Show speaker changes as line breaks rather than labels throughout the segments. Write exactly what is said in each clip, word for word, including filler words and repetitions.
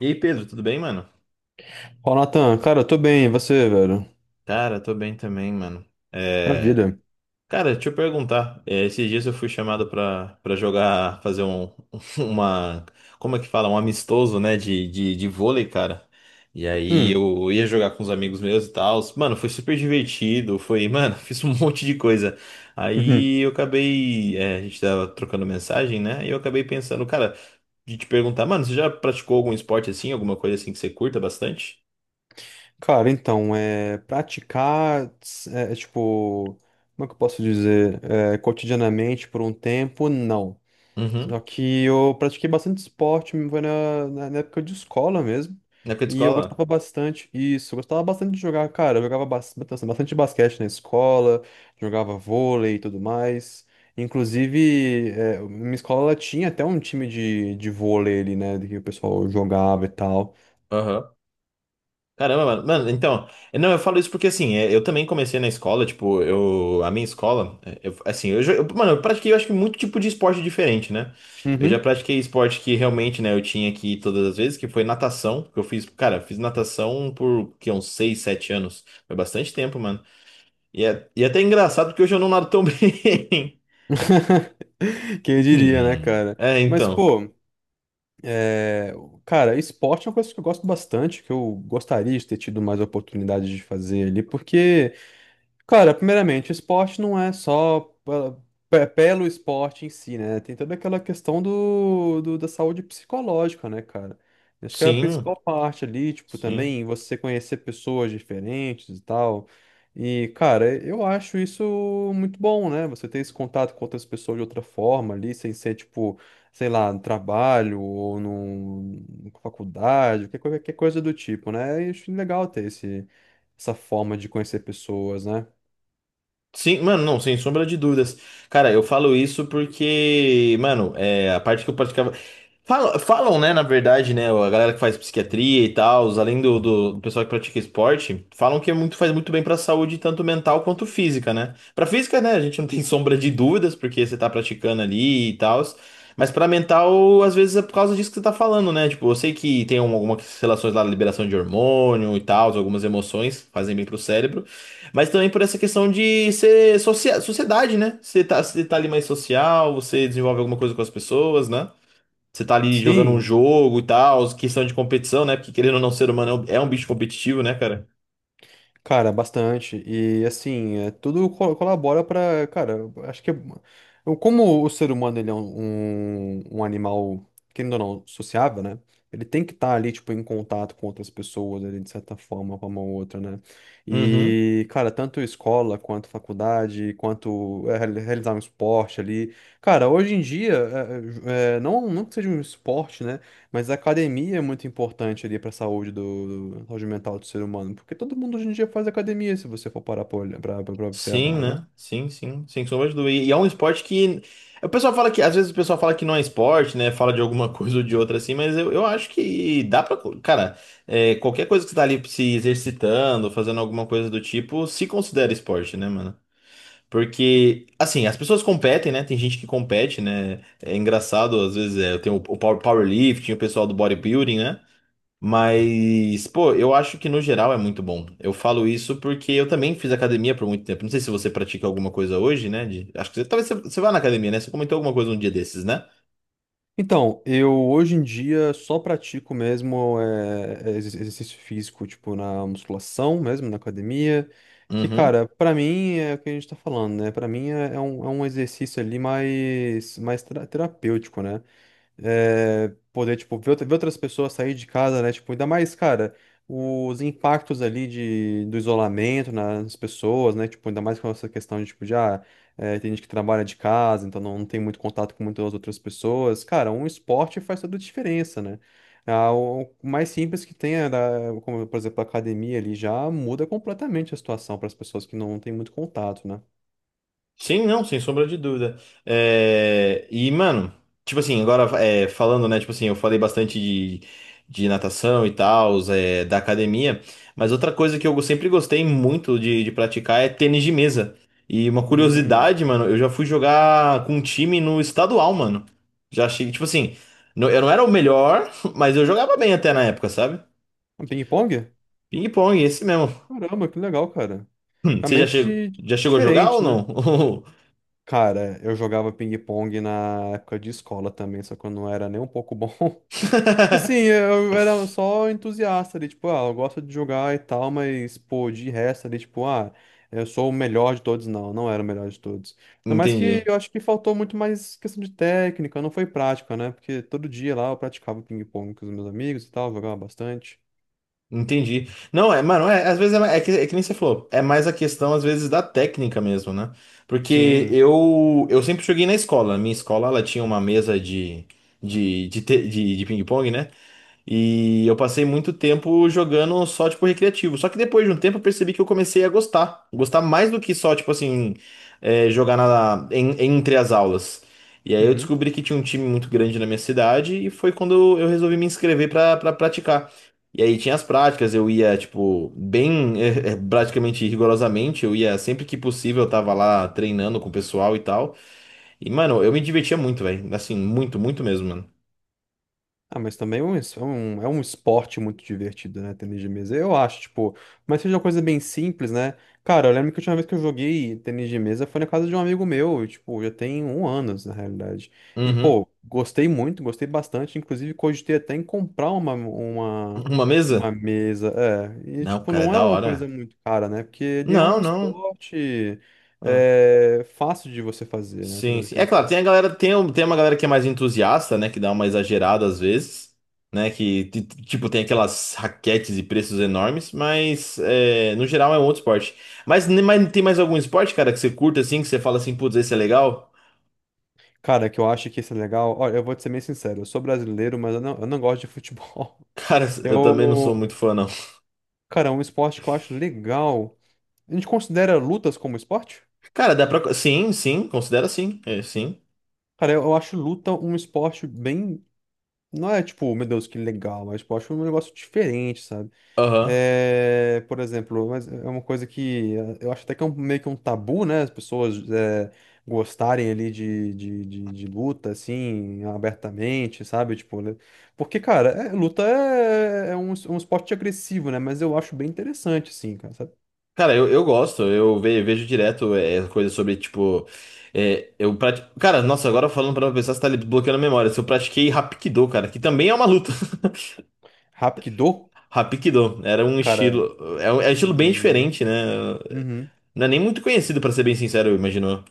E aí, Pedro, tudo bem, mano?
Fala, Natan. Cara, eu tô bem. E você, velho?
Cara, tô bem também, mano. É...
Maravilha.
Cara, deixa eu perguntar. é, esses dias eu fui chamado pra, pra jogar, fazer um, uma, como é que fala? Um amistoso, né, de, de, de vôlei, cara. E aí
Hum.
eu ia jogar com os amigos meus e tal. Mano, foi super divertido, foi, mano, fiz um monte de coisa.
Uhum.
Aí eu acabei, é, a gente tava trocando mensagem, né? E eu acabei pensando, cara, de te perguntar, mano, você já praticou algum esporte assim, alguma coisa assim que você curta bastante?
Cara, então, é, praticar, é, é, tipo, como é que eu posso dizer? É, cotidianamente por um tempo, não. Só
Uhum.
que eu pratiquei bastante esporte, foi na, na na época de escola mesmo.
Na época de
E eu gostava
escola?
bastante, isso, eu gostava bastante de jogar, cara. Eu jogava bas- bastante, bastante basquete na escola, jogava vôlei e tudo mais. Inclusive, é, minha escola ela tinha até um time de, de vôlei ali, né? Que o pessoal jogava e tal.
Aham. Caramba, mano. Mano, então, não, eu falo isso porque assim, é, eu também comecei na escola, tipo, eu, a minha escola, é, eu- assim, eu, já- eu- mano, eu pratiquei, eu acho que muito tipo de esporte diferente, né? Eu já
Uhum.
pratiquei esporte que realmente, né, eu tinha que ir todas as vezes, que foi natação, que eu fiz, cara, fiz natação por, que, uns seis sete anos. Foi bastante tempo, mano. E é, e é até engraçado porque hoje eu não nado tão bem.
Quem diria, né,
Hum.
cara?
É,
Mas,
então.
pô. É, Cara, esporte é uma coisa que eu gosto bastante, que eu gostaria de ter tido mais oportunidade de fazer ali, porque. Cara, primeiramente, o esporte não é só pe- pe- pelo esporte em si, né? Tem toda aquela questão do, do- da saúde psicológica, né, cara? Acho que é a
Sim,
principal parte ali, tipo,
sim.
também você conhecer pessoas diferentes e tal. E, cara, eu acho isso muito bom, né? Você ter esse contato com outras pessoas de outra forma ali, sem ser, tipo, sei lá, no trabalho ou num, numa faculdade, qualquer coisa qualquer coisa do tipo, né? E acho legal ter esse, essa forma de conhecer pessoas, né?
Sim, mano, não, sem sombra de dúvidas. Cara, eu falo isso porque, mano, é, a parte que eu praticava. Falam, falam, né, na verdade, né, a galera que faz psiquiatria e tal, além do, do, do pessoal que pratica esporte, falam que é muito, faz muito bem pra saúde, tanto mental quanto física, né? Pra física, né, a gente não tem sombra de dúvidas, porque você tá praticando ali e tal, mas pra mental, às vezes é por causa disso que você tá falando, né? Tipo, eu sei que tem um- algumas relações lá, liberação de hormônio e tal, algumas emoções fazem bem pro cérebro. Mas também por essa questão de ser socia- sociedade, né? Você tá, você tá ali mais social, você desenvolve alguma coisa com as pessoas, né? Você tá ali jogando um
Sim,
jogo e tal, questão de competição, né? Porque querendo ou não, o ser humano é um é um bicho competitivo, né, cara?
cara, bastante. E assim, é, tudo co- colabora pra. Cara, eu acho que é, eu- como o ser humano ele é um, um, um animal, querendo ou não, sociável, né? Ele tem que estar ali, tipo, em contato com outras pessoas, ali, de certa forma, com uma ou outra, né?
Uhum.
E, cara, tanto escola quanto faculdade, quanto é, reali- realizar um esporte ali. Cara, hoje em dia, é, é, não, não que seja um esporte, né? Mas a academia é muito importante ali para a saúde do, do- saúde mental do ser humano, porque todo mundo hoje em dia faz academia, se você for parar para
Sim,
observar, né?
né? Sim, sim, sem sombra de dúvida. E e é um esporte que. O pessoal fala que. Às vezes o pessoal fala que não é esporte, né? Fala de alguma coisa ou de outra assim, mas eu, eu acho que dá pra. Cara, é, qualquer coisa que você tá ali se exercitando, fazendo alguma coisa do tipo, se considera esporte, né, mano? Porque, assim, as pessoas competem, né? Tem gente que compete, né? É engraçado, às vezes, é, tem o, o power- powerlifting, o pessoal do bodybuilding, né? Mas, pô, eu acho que no geral é muito bom. Eu falo isso porque eu também fiz academia por muito tempo. Não sei se você pratica alguma coisa hoje, né? de- acho que você, talvez você, você vá na academia, né? Você comentou alguma coisa um dia desses, né?
Então, eu hoje em dia só pratico mesmo é, ex- exercício físico, tipo na musculação mesmo, na academia, que,
Uhum.
cara, para mim é o que a gente tá falando, né? Para mim é, é um, é um exercício ali mais, mais tera- terapêutico, né? É, poder, tipo, ver, outra- ver outras pessoas sair de casa, né? Tipo, ainda mais, cara, os impactos ali de, do isolamento nas pessoas, né? Tipo, ainda mais com essa questão de, tipo, já tem gente que trabalha de casa, então não tem muito contato com muitas outras pessoas. Cara, um esporte faz toda a diferença, né? Ah, o o mais simples que tem, é da- como, por exemplo, a academia ali, já muda completamente a situação para as pessoas que não têm muito contato, né?
Sim, não, sem sombra de dúvida. É, e, mano, tipo assim, agora é, falando, né? Tipo assim, eu falei bastante de, de natação e tal, é, da academia, mas outra coisa que eu sempre gostei muito de, de praticar é tênis de mesa. E uma
Hum,
curiosidade, mano, eu já fui jogar com um time no estadual, mano. Já cheguei, tipo assim, não- eu não era o melhor, mas eu jogava bem até na época, sabe?
um ping-pong?
Ping-pong, esse mesmo.
Caramba, que legal, cara.
Você já chegou,
Realmente di-
já chegou a jogar ou
diferente, né?
não?
Cara, eu jogava ping-pong na época de escola também, só que eu não era nem um pouco bom. Tipo assim, eu era só entusiasta ali, tipo, ah, eu gosto de jogar e tal, mas, pô, de resto ali, tipo, ah, eu sou o melhor de todos. Não, não era o melhor de todos. Ainda mais que
Entendi.
eu acho que faltou muito mais questão de técnica, não foi prática, né? Porque todo dia lá eu praticava ping-pong com os meus amigos e tal, jogava bastante.
Entendi. Não, é, mano, é, às vezes é, é que, é que nem você falou, é mais a questão, às vezes, da técnica mesmo, né? Porque
Sim.
eu, eu sempre joguei na escola. Minha escola, ela tinha uma mesa de, de, de, te- de, de ping-pong, né? E eu passei muito tempo jogando só, tipo, recreativo. Só que depois de um tempo eu percebi que eu comecei a gostar. Gostar mais do que só, tipo assim, é, jogar na, em- entre as aulas. E aí eu
Uhum.
descobri que tinha um time muito grande na minha cidade e foi quando eu resolvi me inscrever pra pra praticar. E aí tinha as práticas, eu ia, tipo, bem, eh, eh, praticamente rigorosamente, eu ia sempre que possível, eu tava lá treinando com o pessoal e tal. E, mano, eu me divertia muito, velho. Assim, muito, muito mesmo, mano.
Ah, mas também é um, es- é um, é um esporte muito divertido, né? Tênis de mesa, eu acho, tipo. Mas seja uma coisa bem simples, né? Cara, eu lembro que a última vez que eu joguei tênis de mesa foi na casa de um amigo meu, e, tipo, já tem um ano, na realidade. E,
Uhum.
pô, gostei muito, gostei bastante. Inclusive, cogitei até em comprar uma, uma,
Uma
uma
mesa?
mesa. É, e,
Não,
tipo,
cara, é
não é
da
uma coisa
hora.
muito cara, né? Porque ele é
Não,
um
não.
esporte
É.
é, fácil de você fazer, né?
Sim, sim. É claro, tem
Teoricamente.
a galera, tem, um- tem uma galera que é mais entusiasta, né? Que dá uma exagerada às vezes, né? Que, ti- ti- tipo, tem aquelas raquetes e preços enormes, mas é, no geral é um outro esporte. Mas, ne- mas tem mais algum esporte, cara, que você curta assim, que você fala assim, putz, esse é legal?
Cara, que eu acho que isso é legal. Olha, eu vou te ser bem sincero, eu sou brasileiro, mas eu não, eu não gosto de futebol.
Cara, eu também não sou
Eu.
muito fã, não.
Cara, é um esporte que eu acho legal. A gente considera lutas como esporte?
Cara, dá pra. Sim, sim, considera sim. É, sim.
Cara, eu, eu acho luta um esporte bem. Não é tipo, meu Deus, que legal, mas tipo, eu acho um negócio diferente, sabe?
Aham.
É, por exemplo, mas é uma coisa que eh, eu acho até que é um- meio que um tabu, né? As pessoas eh, gostarem ali de, de, de, de luta, assim, abertamente, sabe? Tipo, né? Porque, cara, é- luta é, é um, es- um esporte agressivo, né? Mas eu acho bem interessante, assim, cara, sabe?
Cara, eu, eu gosto, eu ve- vejo direto é, coisas sobre, tipo. é, eu prati... Cara, nossa, agora falando pra uma pessoa, você tá ali bloqueando a memória. Se eu pratiquei Hapkido, cara, que também é uma luta.
Hapkido,
Hapkido era um
cara.
estilo. É um, é um estilo bem
Hum,
diferente, né?
uhum.
Não é nem muito conhecido, pra ser bem sincero, eu imagino.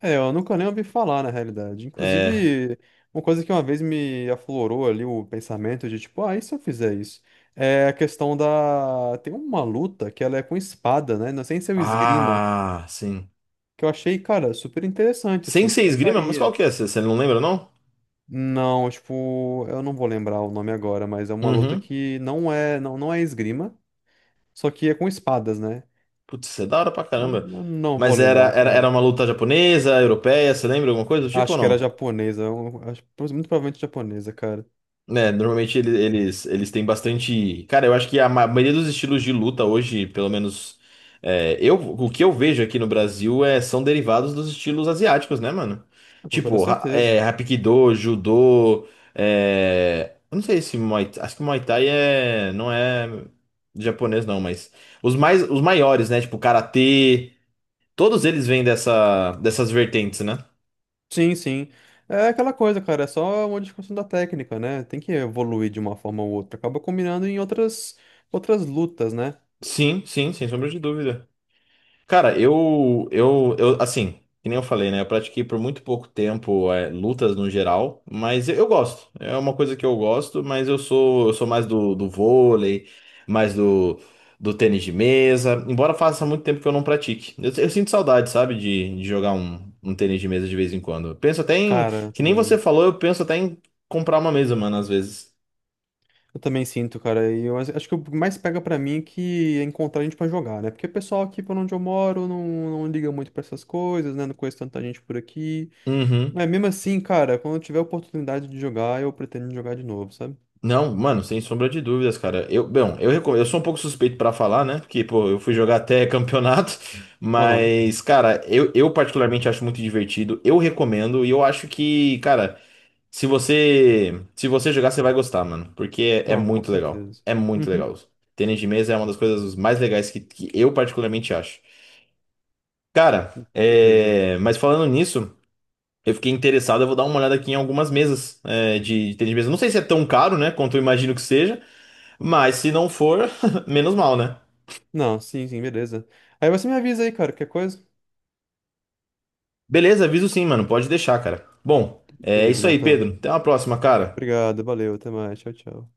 É, eu nunca nem ouvi falar, na realidade.
É.
Inclusive, uma coisa que uma vez me aflorou ali o pensamento de, tipo, ah, e se eu fizer isso? É a questão da... Tem uma luta que ela é com espada, né? Não sei se é o esgrima,
Ah, sim.
que eu achei, cara, super interessante, assim,
Sensei
super
Esgrima? Mas qual
faria.
que é? Você você não lembra, não?
Não, tipo, eu não vou lembrar o nome agora, mas é uma luta
Uhum.
que não é, não, não é esgrima, só que é com espadas, né?
Putz, isso é da hora pra
Então,
caramba.
eu não vou
Mas era,
lembrar,
era,
cara.
era uma luta japonesa, europeia, você lembra alguma coisa do tipo
Acho
ou
que era
não?
japonesa, eu acho- muito provavelmente japonesa, cara.
Né, normalmente ele- eles, eles têm bastante. Cara, eu acho que a ma- maioria dos estilos de luta hoje, pelo menos é, eu, o que eu vejo aqui no Brasil é, são derivados dos estilos asiáticos, né, mano?
Com toda
Tipo, ra-
certeza.
é, Hapkido, Judô. É, eu não sei se Muay, acho que Muay Thai é, não é japonês, não, mas os mais, os maiores, né? Tipo, Karatê, todos eles vêm dessa, dessas vertentes, né?
Sim, sim. É aquela coisa, cara, é só uma discussão da técnica, né? Tem que evoluir de uma forma ou outra. Acaba combinando em outras outras lutas, né?
Sim, sim, sem sombra de dúvida. Cara, eu, eu, eu, assim, que nem eu falei, né? Eu pratiquei por muito pouco tempo, é, lutas no geral, mas eu, eu gosto. É uma coisa que eu gosto, mas eu sou, eu sou mais do, do, vôlei, mais do, do tênis de mesa, embora faça muito tempo que eu não pratique. Eu, eu sinto saudade, sabe, de, de, jogar um, um tênis de mesa de vez em quando. Eu penso até em,
Cara,
que nem você
também.
falou, eu penso até em comprar uma mesa, mano, às vezes.
Eu também sinto, cara. E eu acho acho que o que mais pega pra mim é que é encontrar gente pra jogar, né? Porque o pessoal aqui por onde eu moro não, não liga muito pra essas coisas, né? Não conheço tanta gente por aqui.
Uhum.
Mas mesmo assim, cara, quando eu tiver a oportunidade de jogar, eu pretendo jogar de novo, sabe?
Não, mano, sem sombra de dúvidas, cara. Eu, bom, eu, recom- eu sou um pouco suspeito pra falar, né? Porque, pô, eu fui jogar até campeonato,
Aham.
mas, cara, eu, eu particularmente acho muito divertido. Eu recomendo e eu acho que, cara, se você se você jogar, você vai gostar, mano, porque é, é
Não, com
muito legal.
certeza.
É muito
Uhum.
legal. Tênis de mesa é uma das coisas mais legais que, que eu particularmente acho. Cara,
Com certeza.
é, mas falando nisso, eu fiquei interessado, eu vou dar uma olhada aqui em algumas mesas é, de, de tênis de mesa. Não sei se é tão caro, né, quanto eu imagino que seja. Mas se não for, menos mal, né?
Não, sim, sim, beleza. Aí você me avisa aí, cara, qualquer coisa?
Beleza, aviso sim, mano. Pode deixar, cara. Bom, é
Beleza,
isso aí,
Natan.
Pedro. Até uma próxima, cara.
Obrigado, valeu, até mais, tchau, tchau.